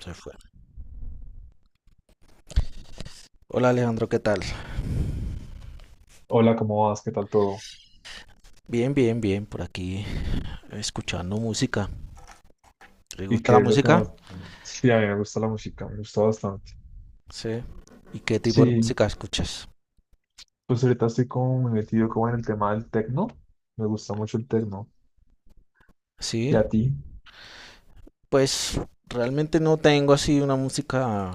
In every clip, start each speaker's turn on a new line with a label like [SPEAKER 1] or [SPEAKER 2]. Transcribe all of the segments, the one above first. [SPEAKER 1] Se fue. Hola Alejandro, ¿qué tal?
[SPEAKER 2] Hola, ¿cómo vas? ¿Qué tal todo?
[SPEAKER 1] Bien, bien, bien, por aquí escuchando música. ¿Te
[SPEAKER 2] ¿Y
[SPEAKER 1] gusta la
[SPEAKER 2] qué es lo que
[SPEAKER 1] música?
[SPEAKER 2] más? Sí, a mí me gusta la música, me gusta bastante.
[SPEAKER 1] Sí. ¿Y qué tipo de
[SPEAKER 2] Sí,
[SPEAKER 1] música escuchas?
[SPEAKER 2] pues ahorita estoy como muy metido como en el tema del tecno. Me gusta mucho el tecno. ¿Y
[SPEAKER 1] Sí,
[SPEAKER 2] a ti?
[SPEAKER 1] pues realmente no tengo así una música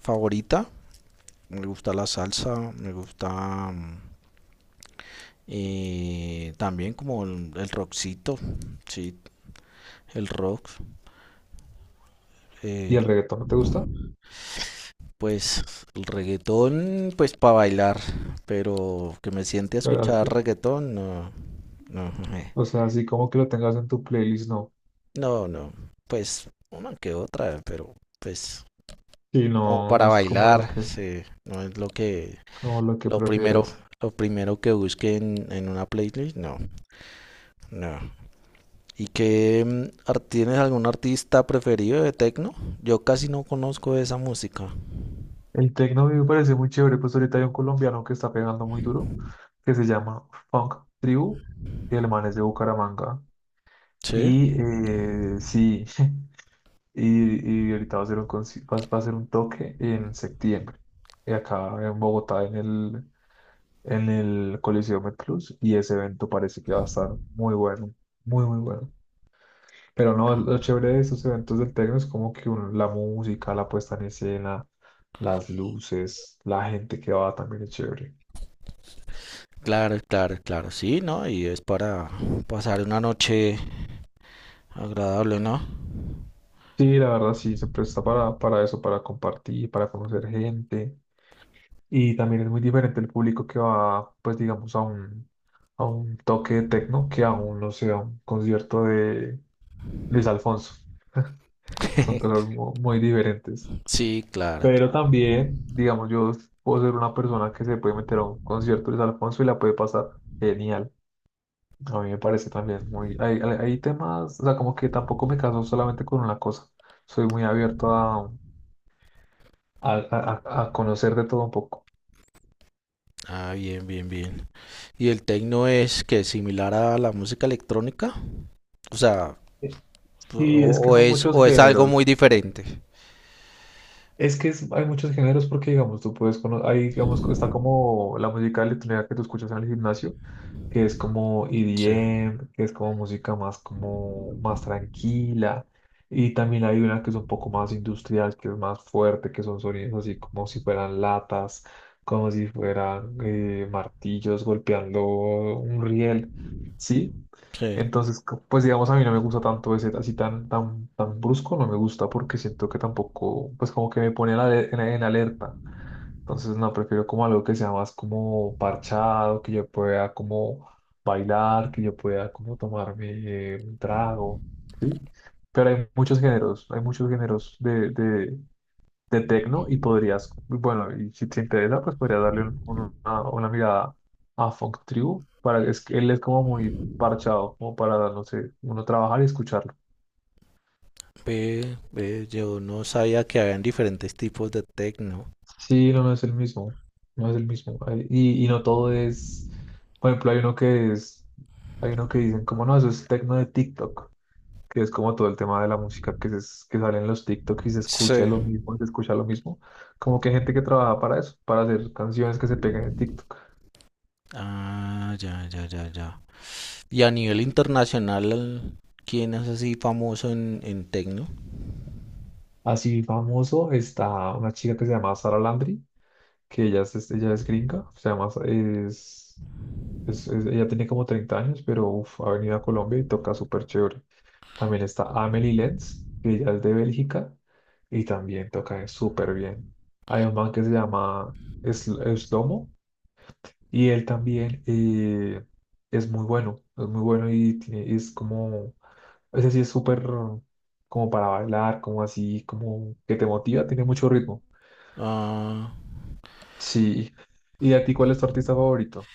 [SPEAKER 1] favorita. Me gusta la salsa, me gusta mm, también como el rockcito, sí, el rock.
[SPEAKER 2] ¿Y
[SPEAKER 1] eh,
[SPEAKER 2] el reggaetón no te gusta?
[SPEAKER 1] Pues el reggaetón, pues para bailar, pero que me siente a
[SPEAKER 2] ¿Verdad?
[SPEAKER 1] escuchar
[SPEAKER 2] Sí.
[SPEAKER 1] reggaetón, no, no,
[SPEAKER 2] O sea, así como que lo tengas en tu playlist, no.
[SPEAKER 1] no, no, pues una que otra, pero pues
[SPEAKER 2] Sí,
[SPEAKER 1] como
[SPEAKER 2] no, no
[SPEAKER 1] para
[SPEAKER 2] es
[SPEAKER 1] bailar, sí, no es lo que,
[SPEAKER 2] como lo que
[SPEAKER 1] lo primero,
[SPEAKER 2] prefieras.
[SPEAKER 1] lo primero que busque en una playlist, no, no. ¿Y qué tienes algún artista preferido de techno? Yo casi no conozco esa música.
[SPEAKER 2] El tecno a mí me parece muy chévere, pues ahorita hay un colombiano que está pegando muy duro, que se llama Funk Tribu, y el man es de Bucaramanga.
[SPEAKER 1] Sí,
[SPEAKER 2] Y sí. Y ahorita va a ser un, va a ser un toque en septiembre, acá en Bogotá, en el Coliseo Plus. Y ese evento parece que va a estar muy bueno, muy, muy bueno. Pero no, lo chévere de esos eventos del techno es como que la música, la puesta en escena, las luces, la gente que va también es chévere.
[SPEAKER 1] claro, claro, claro, sí, ¿no? Y es para pasar una noche agradable, ¿no?
[SPEAKER 2] Sí, la verdad sí, se presta para eso, para compartir, para conocer gente. Y también es muy diferente el público que va, pues digamos, a un toque de tecno que a un, no sé, a un concierto de Luis Alfonso. Son cosas muy diferentes.
[SPEAKER 1] Sí, claro,
[SPEAKER 2] Pero
[SPEAKER 1] claro.
[SPEAKER 2] también, digamos, yo puedo ser una persona que se puede meter a un concierto de Luis Alfonso y la puede pasar genial. A mí me parece también muy... Hay, hay temas, o sea, como que tampoco me caso solamente con una cosa. Soy muy abierto a, conocer de todo un poco.
[SPEAKER 1] Ah, bien, bien, bien. ¿Y el techno es que similar a la música electrónica? O sea, o,
[SPEAKER 2] Sí, es que
[SPEAKER 1] o
[SPEAKER 2] son
[SPEAKER 1] es
[SPEAKER 2] muchos
[SPEAKER 1] o es algo
[SPEAKER 2] géneros.
[SPEAKER 1] muy diferente.
[SPEAKER 2] Es que hay muchos géneros porque, digamos, tú puedes conocer, ahí, digamos, está como la música electrónica que tú escuchas en el gimnasio, que es como
[SPEAKER 1] Sí,
[SPEAKER 2] EDM, que es como música más, como, más tranquila. Y también hay una que es un poco más industrial, que es más fuerte, que son sonidos así como si fueran latas, como si fueran martillos golpeando un riel, ¿sí?
[SPEAKER 1] sí.
[SPEAKER 2] Entonces, pues digamos, a mí no me gusta tanto ese así tan, tan, tan brusco, no me gusta porque siento que tampoco, pues como que me pone en, en alerta. Entonces, no, prefiero como algo que sea más como parchado, que yo pueda como bailar, que yo pueda como tomarme un trago, ¿sí? Pero hay muchos géneros de tecno y podrías, bueno, y si te interesa, pues podrías darle una mirada a Funk Tribu, para, es que él es como muy parchado, como para, no sé, uno trabajar y escucharlo.
[SPEAKER 1] Ve, ve, yo no sabía que habían diferentes tipos de techno.
[SPEAKER 2] Sí, no, no es el mismo, no es el mismo. Ay, y no todo es, por ejemplo, hay uno que es, hay uno que dicen, como no, eso es tecno de TikTok, que es como todo el tema de la música que sale en los TikTok y se escucha
[SPEAKER 1] Sí.
[SPEAKER 2] lo mismo, se escucha lo mismo, como que hay gente que trabaja para eso, para hacer canciones que se pegan en TikTok.
[SPEAKER 1] Ah, ya, ya, ya, ya. Y a nivel internacional, ¿quién es así famoso en techno?
[SPEAKER 2] Así famoso está una chica que se llama Sara Landry, que ella es- ella es gringa, se llama, es- ella tiene como 30 años, pero uf, ha venido a Colombia y toca súper chévere. También está Amelie Lenz, que ella es de Bélgica y también toca súper bien. Hay un man que se llama Slomo y él también es muy bueno y es como ese sí es súper como para bailar, como así, como que te motiva, tiene mucho ritmo.
[SPEAKER 1] Ah,
[SPEAKER 2] Sí. ¿Y a ti cuál es tu artista favorito?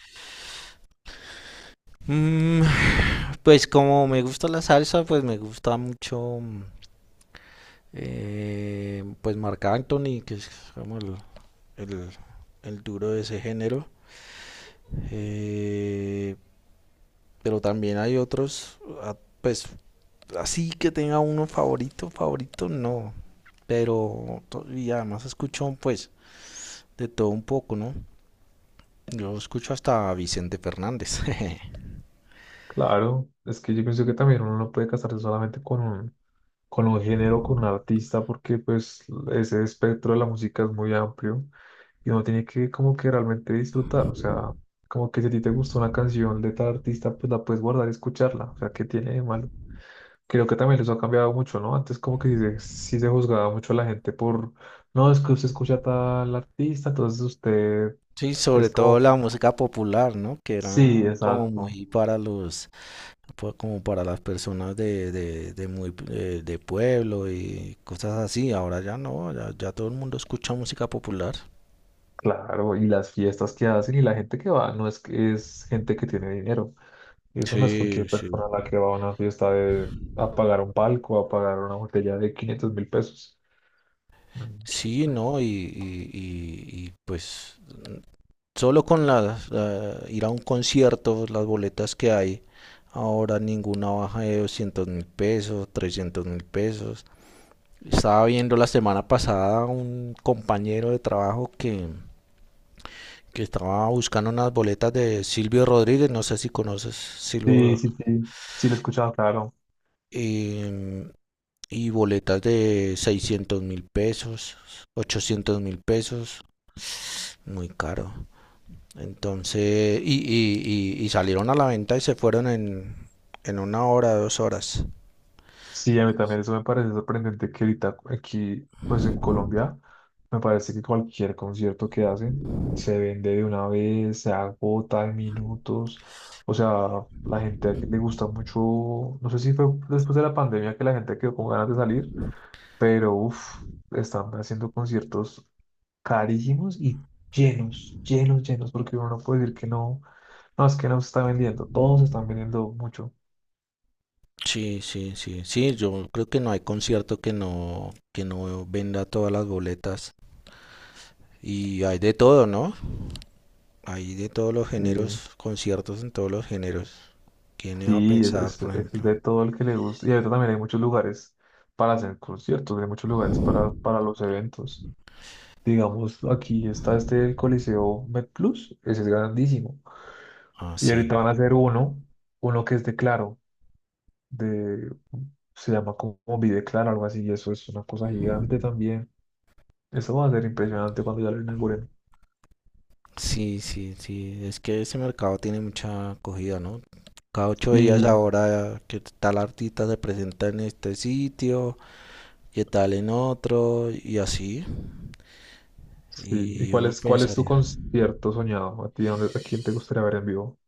[SPEAKER 1] Mm, pues como me gusta la salsa, pues me gusta mucho pues Marc Anthony, que es como el- el duro de ese género. Eh, pero también hay otros, ah, pues así que tenga uno favorito, favorito, no. Pero y además escucho pues de todo un poco, ¿no? Yo escucho hasta a Vicente Fernández.
[SPEAKER 2] Claro, es que yo pienso que también uno no puede casarse solamente con un género, con un artista, porque pues ese espectro de la música es muy amplio y uno tiene que como que realmente disfrutar, o sea, como que si a ti te gustó una canción de tal artista, pues la puedes guardar y escucharla, o sea, ¿qué tiene de malo? Creo que también eso ha cambiado mucho, ¿no? Antes como que sí se juzgaba mucho a la gente por, no, es que usted escucha a tal artista, entonces usted
[SPEAKER 1] Sí,
[SPEAKER 2] es
[SPEAKER 1] sobre todo
[SPEAKER 2] como,
[SPEAKER 1] la música popular, ¿no? Que
[SPEAKER 2] sí,
[SPEAKER 1] era como
[SPEAKER 2] exacto,
[SPEAKER 1] muy para los como para las personas de muy de pueblo y cosas así. Ahora ya no, ya, ya todo el mundo escucha música popular.
[SPEAKER 2] claro, y las fiestas que hacen y la gente que va, no, es que es gente que tiene dinero. Y eso no es cualquier
[SPEAKER 1] Sí, sí.
[SPEAKER 2] persona la que va a una fiesta de, a pagar un palco, a pagar una botella de 500 mil pesos. Mm.
[SPEAKER 1] Sí, no, pues solo con ir a un concierto, las boletas que hay, ahora ninguna baja de 200 mil pesos, 300 mil pesos. Estaba viendo la semana pasada un compañero de trabajo que estaba buscando unas boletas de Silvio Rodríguez, no sé si conoces
[SPEAKER 2] Sí,
[SPEAKER 1] Silvio,
[SPEAKER 2] sí, sí, sí lo he escuchado, claro.
[SPEAKER 1] em, y boletas de 600 mil pesos, 800 mil pesos, muy caro. Entonces, y salieron a la venta y se fueron en una hora, dos horas.
[SPEAKER 2] Sí, a mí también eso me parece sorprendente que ahorita aquí, pues en Colombia, me parece que cualquier concierto que hacen se vende de una vez, se agota en minutos. O sea, la gente aquí le gusta mucho, no sé si fue después de la pandemia que la gente quedó con ganas de salir, pero uff, están haciendo conciertos carísimos y llenos, llenos, llenos, porque uno no puede decir que no, no, es que no se está vendiendo, todos se están vendiendo mucho.
[SPEAKER 1] Sí, sí, sí, sí, yo creo que no hay concierto que no venda todas las boletas. Y hay de todo, ¿no? Hay de todos los géneros, conciertos en todos los géneros. ¿Quién iba a
[SPEAKER 2] Sí,
[SPEAKER 1] pensar, por
[SPEAKER 2] es
[SPEAKER 1] ejemplo?
[SPEAKER 2] de todo el que le gusta. Y ahorita también hay muchos lugares para hacer conciertos, hay muchos lugares para los eventos. Digamos, aquí está este el Coliseo MedPlus, ese es grandísimo.
[SPEAKER 1] Ah,
[SPEAKER 2] Y
[SPEAKER 1] sí.
[SPEAKER 2] ahorita van a hacer uno, uno que es de Claro, de, se llama como Vive Claro, algo así, y eso es una cosa gigante también. Eso va a ser impresionante cuando ya lo inauguren.
[SPEAKER 1] Sí, sí, sí. Es que ese mercado tiene mucha acogida, ¿no? Cada ocho días
[SPEAKER 2] Y,
[SPEAKER 1] ahora que tal artista se presenta en este sitio y tal en otro y así.
[SPEAKER 2] sí, ¿y
[SPEAKER 1] Y uno
[SPEAKER 2] cuál es tu
[SPEAKER 1] pensaría,
[SPEAKER 2] concierto soñado? ¿A ti, a quién te gustaría ver en vivo?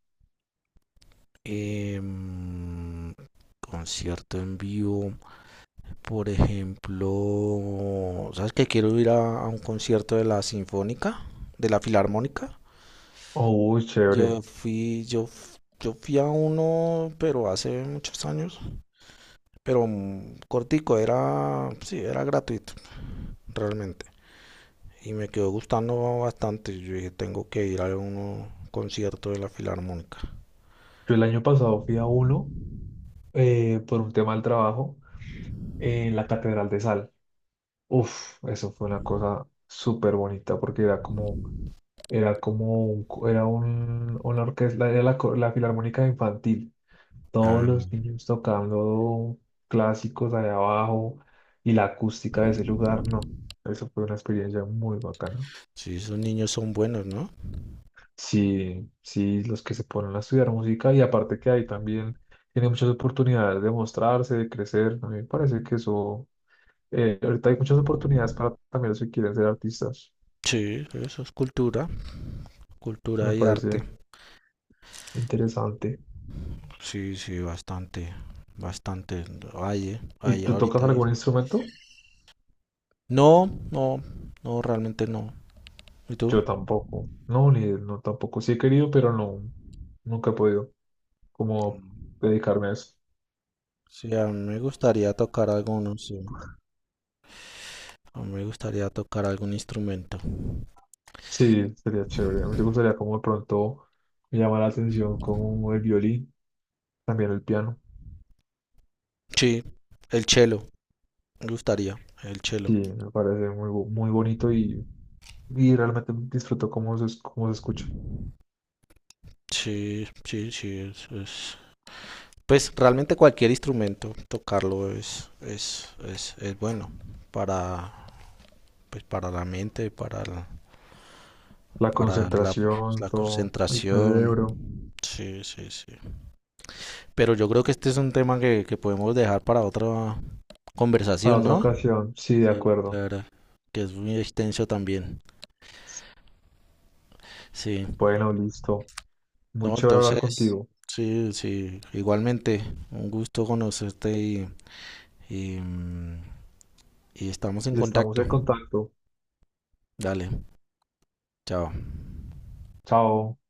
[SPEAKER 1] em, concierto en vivo, por ejemplo, ¿sabes que quiero ir a un concierto de la Sinfónica, de la Filarmónica?
[SPEAKER 2] Oh, uy, chévere.
[SPEAKER 1] Yo fui a uno, pero hace muchos años, pero cortico, era, sí, era gratuito, realmente. Y me quedó gustando bastante. Yo dije, tengo que ir a un concierto de la Filarmónica.
[SPEAKER 2] Yo el año pasado fui a uno por un tema del trabajo en la Catedral de Sal. Uf, eso fue una cosa súper bonita porque era como, un co- era un, una orquesta, era la Filarmónica Infantil. Todos los
[SPEAKER 1] Ah,
[SPEAKER 2] niños tocando clásicos allá abajo y la acústica de ese lugar, no. Eso fue una experiencia muy bacana.
[SPEAKER 1] sí, esos niños son buenos, ¿no?
[SPEAKER 2] Sí, sí, los que se ponen a estudiar música y aparte que ahí también tiene muchas oportunidades de mostrarse, de crecer. A mí me parece que eso. Ahorita hay muchas oportunidades para también los que quieren ser artistas.
[SPEAKER 1] Sí, eso es cultura,
[SPEAKER 2] Me
[SPEAKER 1] cultura y
[SPEAKER 2] parece
[SPEAKER 1] arte.
[SPEAKER 2] interesante.
[SPEAKER 1] Sí, sí, bastante, bastante. Hay,
[SPEAKER 2] ¿Y
[SPEAKER 1] hay
[SPEAKER 2] tú tocas
[SPEAKER 1] ahorita.
[SPEAKER 2] algún instrumento?
[SPEAKER 1] No, no, no, realmente no. ¿Y tú?
[SPEAKER 2] Yo tampoco. No, ni tampoco. Sí he querido, pero no, nunca he podido como dedicarme a eso.
[SPEAKER 1] Sí, a mí me gustaría tocar alguno, sí. A mí me gustaría tocar algún instrumento.
[SPEAKER 2] Sí, sería chévere. A mí me gustaría como de pronto me llama la atención como el violín, también el piano.
[SPEAKER 1] Sí, el cello, me gustaría, el
[SPEAKER 2] Sí,
[SPEAKER 1] cello.
[SPEAKER 2] me parece muy, muy bonito y realmente disfruto cómo se, cómo se escucha.
[SPEAKER 1] Sí, sí, sí, pues realmente cualquier instrumento, tocarlo es bueno para, pues, para la mente,
[SPEAKER 2] La
[SPEAKER 1] para la, pues,
[SPEAKER 2] concentración,
[SPEAKER 1] la
[SPEAKER 2] todo, el cerebro.
[SPEAKER 1] concentración. Sí, sí, sí. Pero yo creo que este es un tema que podemos dejar para otra
[SPEAKER 2] Para
[SPEAKER 1] conversación,
[SPEAKER 2] otra
[SPEAKER 1] ¿no?
[SPEAKER 2] ocasión, sí, de
[SPEAKER 1] Sí,
[SPEAKER 2] acuerdo.
[SPEAKER 1] claro, que es muy extenso también. Sí,
[SPEAKER 2] Bueno, listo. Muy
[SPEAKER 1] no,
[SPEAKER 2] chévere hablar
[SPEAKER 1] entonces,
[SPEAKER 2] contigo.
[SPEAKER 1] sí, sí, igualmente, un gusto conocerte y, y estamos en
[SPEAKER 2] Y estamos
[SPEAKER 1] contacto.
[SPEAKER 2] en contacto.
[SPEAKER 1] Dale, chao.
[SPEAKER 2] Chao.